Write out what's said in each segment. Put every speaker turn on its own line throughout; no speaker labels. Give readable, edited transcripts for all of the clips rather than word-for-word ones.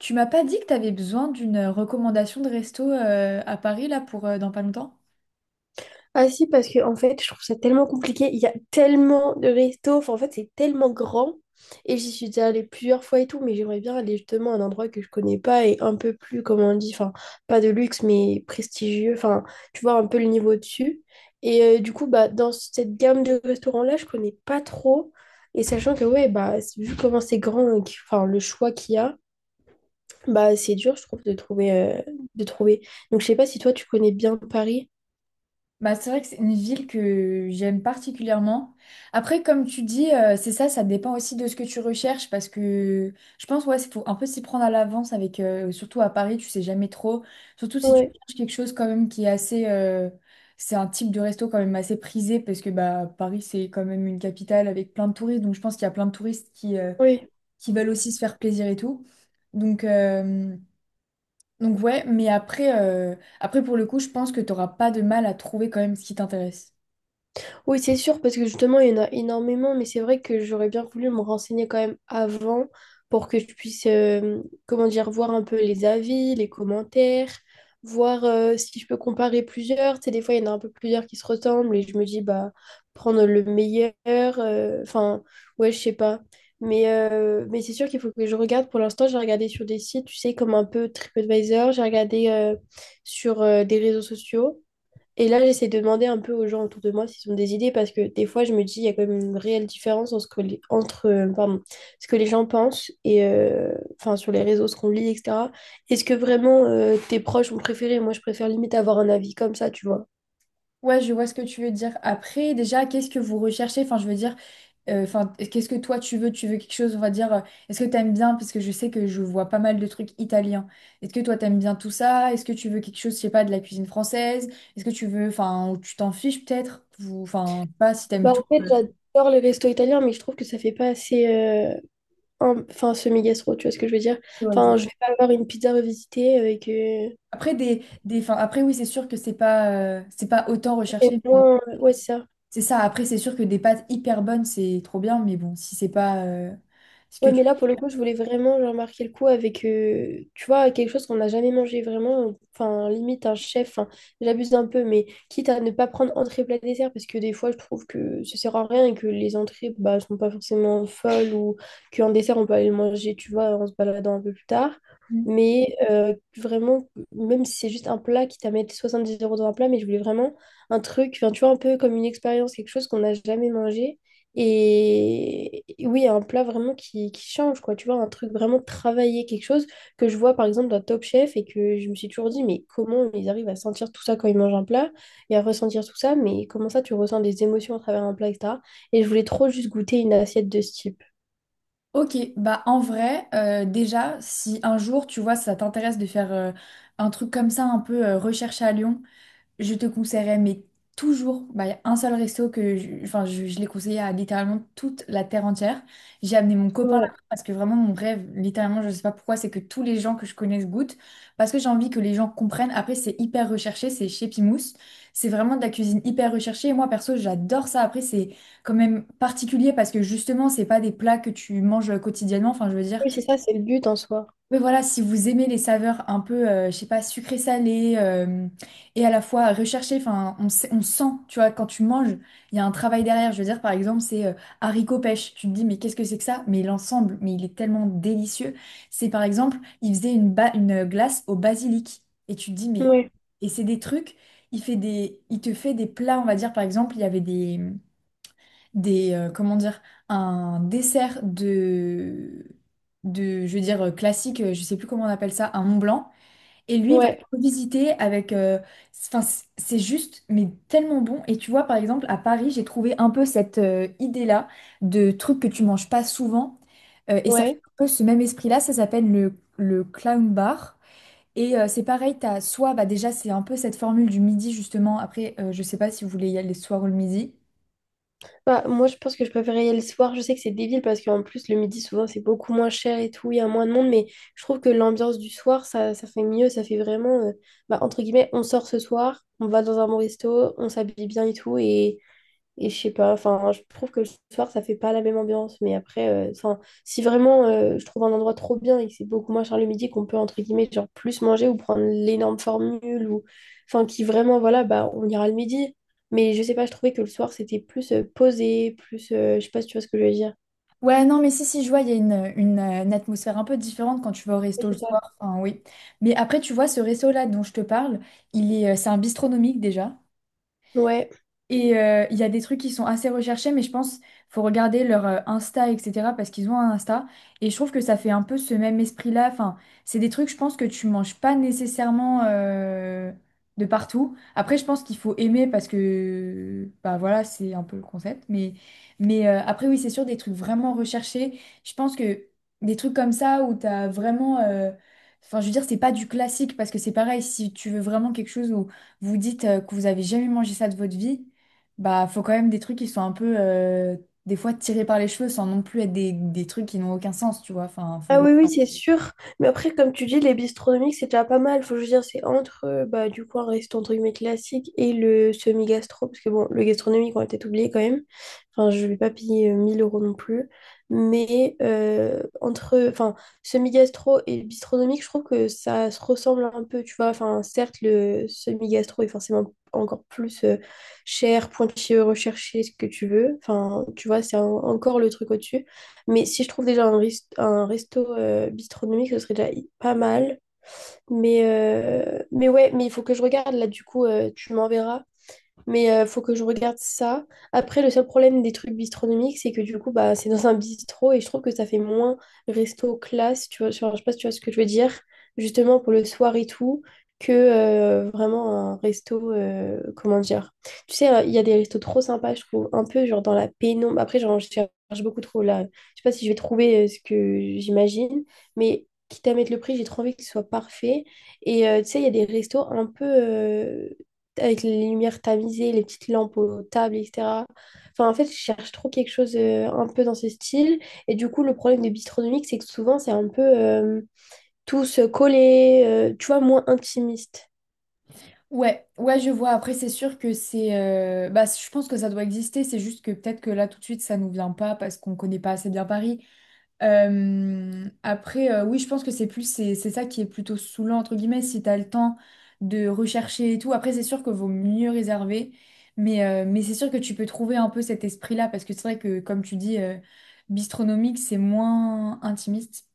Tu m'as pas dit que tu avais besoin d'une recommandation de resto à Paris là pour dans pas longtemps?
Ah si, parce que en fait, je trouve ça tellement compliqué. Il y a tellement de restos. Enfin, en fait, c'est tellement grand. Et j'y suis déjà allée plusieurs fois et tout, mais j'aimerais bien aller justement à un endroit que je connais pas et un peu plus, comme on dit, enfin, pas de luxe, mais prestigieux. Enfin, tu vois, un peu le niveau dessus. Et du coup, bah, dans cette gamme de restaurants-là, je connais pas trop. Et sachant que, ouais, bah, vu comment c'est grand, et enfin, le choix qu'il y a, bah, c'est dur, je trouve, de trouver, de trouver. Donc, je sais pas si toi, tu connais bien Paris.
Bah, c'est vrai que c'est une ville que j'aime particulièrement. Après, comme tu dis, c'est ça, ça dépend aussi de ce que tu recherches parce que je pense, ouais, c'est faut un peu s'y prendre à l'avance avec, surtout à Paris, tu sais jamais trop. Surtout si tu
Ouais,
cherches quelque chose quand même qui est assez, c'est un type de resto quand même assez prisé parce que bah Paris c'est quand même une capitale avec plein de touristes, donc je pense qu'il y a plein de touristes qui
ouais.
qui veulent aussi se faire plaisir et tout. Donc, euh, Donc ouais, mais après, après pour le coup, je pense que t'auras pas de mal à trouver quand même ce qui t'intéresse.
Oui, c'est sûr, parce que justement, il y en a énormément, mais c'est vrai que j'aurais bien voulu me renseigner quand même avant pour que je puisse, comment dire, voir un peu les avis, les commentaires, voir si je peux comparer plusieurs. Tu sais, des fois, il y en a un peu plusieurs qui se ressemblent et je me dis, bah, prendre le meilleur, enfin, ouais, je sais pas. Mais c'est sûr qu'il faut que je regarde. Pour l'instant, j'ai regardé sur des sites, tu sais, comme un peu TripAdvisor, j'ai regardé sur des réseaux sociaux. Et là, j'essaie de demander un peu aux gens autour de moi s'ils ont des idées parce que des fois, je me dis, il y a quand même une réelle différence entre, entre, pardon, ce que les gens pensent et enfin, sur les réseaux, ce qu'on lit, etc. Est-ce que vraiment tes proches ont préféré? Moi, je préfère limite avoir un avis comme ça, tu vois.
Ouais, je vois ce que tu veux dire. Après, déjà, qu'est-ce que vous recherchez? Enfin, je veux dire, enfin, qu'est-ce que toi tu veux? Tu veux quelque chose, on va dire, est-ce que t'aimes bien? Parce que je sais que je vois pas mal de trucs italiens. Est-ce que toi t'aimes bien tout ça? Est-ce que tu veux quelque chose, je sais pas, de la cuisine française? Est-ce que tu veux, enfin, ou tu t'en fiches peut-être? Ou, enfin, je sais pas si t'aimes
Bah,
tout.
en fait, j'adore les restos italiens, mais je trouve que ça fait pas assez enfin, semi-gastro, tu vois ce que je veux dire?
Ouais, je vois.
Enfin, je vais pas avoir une pizza revisitée avec.
Après enfin, après oui, c'est sûr que c'est pas autant
Et
recherché.
moi ouais, c'est ça.
C'est ça, après c'est sûr que des pâtes hyper bonnes, c'est trop bien, mais bon, si c'est pas ce que
Ouais, mais
tu...
là, pour le coup, je voulais vraiment genre, marquer le coup avec, tu vois, quelque chose qu'on n'a jamais mangé vraiment. Enfin, limite, un chef, enfin, j'abuse un peu, mais quitte à ne pas prendre entrée, plat, dessert, parce que des fois, je trouve que ça sert à rien et que les entrées, bah, sont pas forcément folles ou qu'un dessert, on peut aller le manger, tu vois, en se baladant un peu plus tard.
Mm.
Mais vraiment, même si c'est juste un plat, quitte à mettre 70 euros dans un plat, mais je voulais vraiment un truc, enfin, tu vois, un peu comme une expérience, quelque chose qu'on n'a jamais mangé et oui, un plat vraiment qui change, quoi. Tu vois, un truc vraiment travaillé, quelque chose que je vois par exemple dans Top Chef et que je me suis toujours dit, mais comment ils arrivent à sentir tout ça quand ils mangent un plat et à ressentir tout ça, mais comment ça tu ressens des émotions à travers un plat, et etc. Et je voulais trop juste goûter une assiette de ce type.
Ok, bah en vrai, déjà, si un jour, tu vois, ça t'intéresse de faire un truc comme ça, un peu recherche à Lyon, je te conseillerais, mais toujours, bah, y a un seul resto que je, enfin, je l'ai conseillé à littéralement toute la terre entière. J'ai amené mon copain là
Ouais.
parce que vraiment mon rêve, littéralement, je sais pas pourquoi, c'est que tous les gens que je connaisse goûtent parce que j'ai envie que les gens comprennent. Après, c'est hyper recherché, c'est chez Pimousse. C'est vraiment de la cuisine hyper recherchée. Et moi, perso, j'adore ça. Après, c'est quand même particulier parce que justement, c'est pas des plats que tu manges quotidiennement. Enfin, je veux dire.
Oui, c'est ça, c'est le but en soi.
Mais voilà, si vous aimez les saveurs un peu, je sais pas, sucré-salé et à la fois recherché, enfin, on sent, tu vois, quand tu manges, il y a un travail derrière. Je veux dire, par exemple, c'est haricot pêche. Tu te dis, mais qu'est-ce que c'est que ça? Mais l'ensemble, mais il est tellement délicieux. C'est par exemple, il faisait une glace au basilic. Et tu te dis, mais.
Ouais,
Et c'est des trucs, il fait des... il te fait des plats, on va dire, par exemple, il y avait des comment dire un dessert de je veux dire classique je sais plus comment on appelle ça, un Mont Blanc et lui il va
ouais,
le revisiter avec enfin c'est juste mais tellement bon et tu vois par exemple à Paris j'ai trouvé un peu cette idée là, de trucs que tu manges pas souvent, et ça fait
ouais.
un peu ce même esprit là. Ça s'appelle le clown bar. Et c'est pareil, t'as soit, bah déjà c'est un peu cette formule du midi justement, après je sais pas si vous voulez y aller le soir ou le midi.
Bah, moi, je pense que je préférais y aller le soir. Je sais que c'est débile parce qu'en plus, le midi, souvent, c'est beaucoup moins cher et tout. Il y a moins de monde, mais je trouve que l'ambiance du soir, ça fait mieux. Ça fait vraiment, bah, entre guillemets, on sort ce soir, on va dans un bon resto, on s'habille bien et tout. Et je sais pas, enfin, je trouve que le soir, ça fait pas la même ambiance. Mais après, enfin, si vraiment je trouve un endroit trop bien et que c'est beaucoup moins cher le midi, qu'on peut, entre guillemets, genre plus manger ou prendre l'énorme formule ou, enfin, qui vraiment, voilà, bah, on ira le midi. Mais je sais pas, je trouvais que le soir, c'était plus posé, plus, je sais pas si tu vois ce que je veux dire.
Ouais, non, mais si, si, je vois, il y a une atmosphère un peu différente quand tu vas au
Oui,
resto le
c'est ça.
soir. Enfin, oui. Mais après, tu vois, ce resto-là dont je te parle, il est, c'est un bistronomique déjà.
Ouais.
Et il y a des trucs qui sont assez recherchés, mais je pense faut regarder leur Insta, etc. parce qu'ils ont un Insta. Et je trouve que ça fait un peu ce même esprit-là. Enfin, c'est des trucs, je pense, que tu manges pas nécessairement de partout. Après, je pense qu'il faut aimer parce que, bah voilà, c'est un peu le concept. Mais après, oui, c'est sûr, des trucs vraiment recherchés. Je pense que des trucs comme ça où t'as vraiment. Euh, enfin, je veux dire, c'est pas du classique parce que c'est pareil, si tu veux vraiment quelque chose où vous dites que vous avez jamais mangé ça de votre vie. Bah, faut quand même des trucs qui sont un peu, des fois, tirés par les cheveux sans non plus être des trucs qui n'ont aucun sens, tu vois. Enfin,
Ah
faut...
oui, oui, c'est sûr. Mais après, comme tu dis, les bistronomiques, c'est déjà pas mal. Faut que je veux dire, c'est entre, bah, du coup, un restaurant entre guillemets classique et le semi-gastro. Parce que bon, le gastronomique, on va peut-être oublier quand même. Enfin, je vais pas payer 1000 euros non plus. Mais entre, enfin, semi-gastro et bistronomique, je trouve que ça se ressemble un peu, tu vois. Enfin, certes, le semi-gastro est forcément encore plus cher, pointilleux, recherché, ce que tu veux. Enfin, tu vois, c'est un- encore le truc au-dessus. Mais si je trouve déjà un resto gastronomique, ce serait déjà pas mal. Mais ouais, mais il faut que je regarde là, du coup, tu m'enverras. Mais faut que je regarde ça. Après, le seul problème des trucs bistronomiques, c'est que du coup, bah, c'est dans un bistrot et je trouve que ça fait moins resto classe, tu vois, genre, je sais pas si tu vois ce que je veux dire, justement pour le soir et tout, que vraiment un resto, comment dire. Tu sais, il y a des restos trop sympas, je trouve, un peu genre dans la pénombre. Après, genre, je cherche beaucoup trop là. Je sais pas si je vais trouver ce que j'imagine, mais quitte à mettre le prix, j'ai trop envie que ce soit parfait. Et tu sais, il y a des restos un peu... avec les lumières tamisées, les petites lampes aux tables, etc. Enfin, en fait, je cherche trop quelque chose un peu dans ce style. Et du coup, le problème des bistronomiques, c'est que souvent, c'est un peu tous collés, tu vois, moins intimiste.
Ouais, ouais, je vois. Après, c'est sûr que c'est... bah, je pense que ça doit exister. C'est juste que peut-être que là, tout de suite, ça nous vient pas parce qu'on connaît pas assez bien Paris. Après, oui, je pense que c'est plus c'est ça qui est plutôt saoulant entre guillemets si t'as le temps de rechercher et tout. Après, c'est sûr que vaut mieux réserver, mais c'est sûr que tu peux trouver un peu cet esprit-là parce que c'est vrai que comme tu dis, bistronomique, c'est moins intimiste.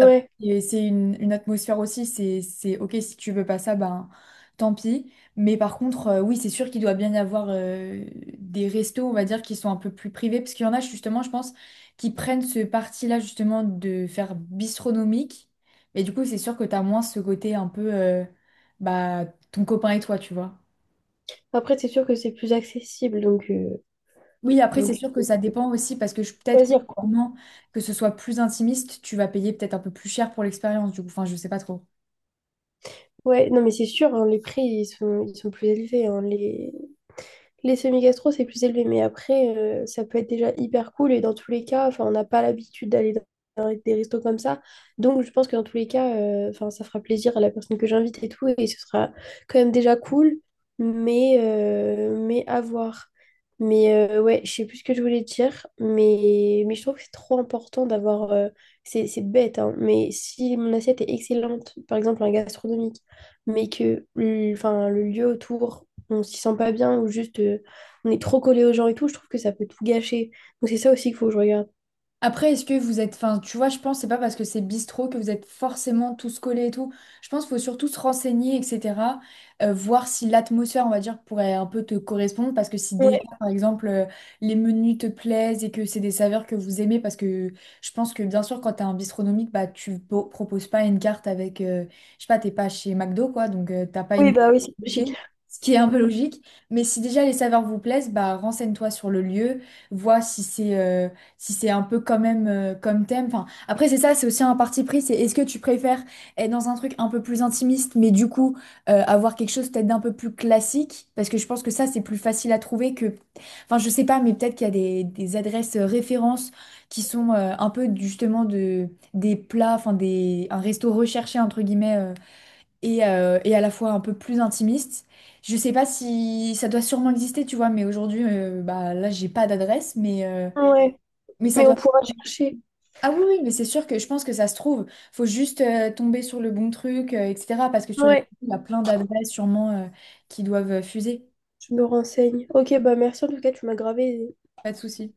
Après, et c'est une atmosphère aussi, c'est ok si tu veux pas ça, ben tant pis. Mais par contre, oui, c'est sûr qu'il doit bien y avoir des restos, on va dire, qui sont un peu plus privés, parce qu'il y en a justement, je pense, qui prennent ce parti-là justement de faire bistronomique. Et du coup, c'est sûr que t'as moins ce côté un peu bah, ton copain et toi, tu vois.
Après, c'est sûr que c'est plus accessible, donc, euh,
Oui, après,
donc
c'est sûr que ça dépend aussi, parce que je- peut-être que
choisir, quoi.
justement, que ce soit plus intimiste, tu vas payer peut-être un peu plus cher pour l'expérience, du coup, enfin, je sais pas trop.
Ouais, non, mais c'est sûr, hein, les prix, ils sont plus élevés. Hein, les... Les semi-gastro, c'est plus élevé, mais après, ça peut être déjà hyper cool. Et dans tous les cas, enfin, on n'a pas l'habitude d'aller dans des restos comme ça. Donc, je pense que dans tous les cas, enfin, ça fera plaisir à la personne que j'invite et tout. Et ce sera quand même déjà cool, mais à voir. Mais ouais, je sais plus ce que je voulais dire, mais je trouve que c'est trop important d'avoir. C'est bête, hein, mais si mon assiette est excellente, par exemple un gastronomique, mais que enfin, le lieu autour on s'y sent pas bien ou juste on est trop collé aux gens et tout, je trouve que ça peut tout gâcher. Donc c'est ça aussi qu'il faut que je regarde.
Après, est-ce que vous êtes, enfin, tu vois, je pense c'est pas parce que c'est bistrot que vous êtes forcément tous collés et tout. Je pense qu'il faut surtout se renseigner, etc. Voir si l'atmosphère, on va dire, pourrait un peu te correspondre. Parce que si déjà,
Ouais.
par exemple, les menus te plaisent et que c'est des saveurs que vous aimez, parce que je pense que bien sûr, quand t'as un bistronomique, bah, tu po- proposes pas une carte avec, je sais pas, t'es pas chez McDo, quoi, donc t'as pas
Oui,
une,
bah oui, c'est logique.
ce qui est un peu logique. Mais si déjà les saveurs vous plaisent, bah, renseigne-toi sur le lieu, vois si c'est si c'est un peu quand même comme thème. Enfin, après, c'est ça, c'est aussi un parti pris, c'est est-ce que tu préfères être dans un truc un peu plus intimiste, mais du coup avoir quelque chose peut-être d'un peu plus classique, parce que je pense que ça, c'est plus facile à trouver que... Enfin, je sais pas, mais peut-être qu'il y a des adresses références qui sont un peu justement des plats, un resto recherché, entre guillemets, et à la fois un peu plus intimiste. Je sais pas si ça doit sûrement exister, tu vois, mais aujourd'hui, bah, là, j'ai pas d'adresse,
Ouais,
mais ça
mais on
doit,
pourra chercher.
ah oui, oui, mais c'est sûr que je pense que ça se trouve. Faut juste tomber sur le bon truc, etc. Parce que sur les
Ouais,
il y a plein d'adresses sûrement qui doivent fuser.
je me renseigne. Ok, bah merci en tout cas, tu m'as gravé
Pas de souci.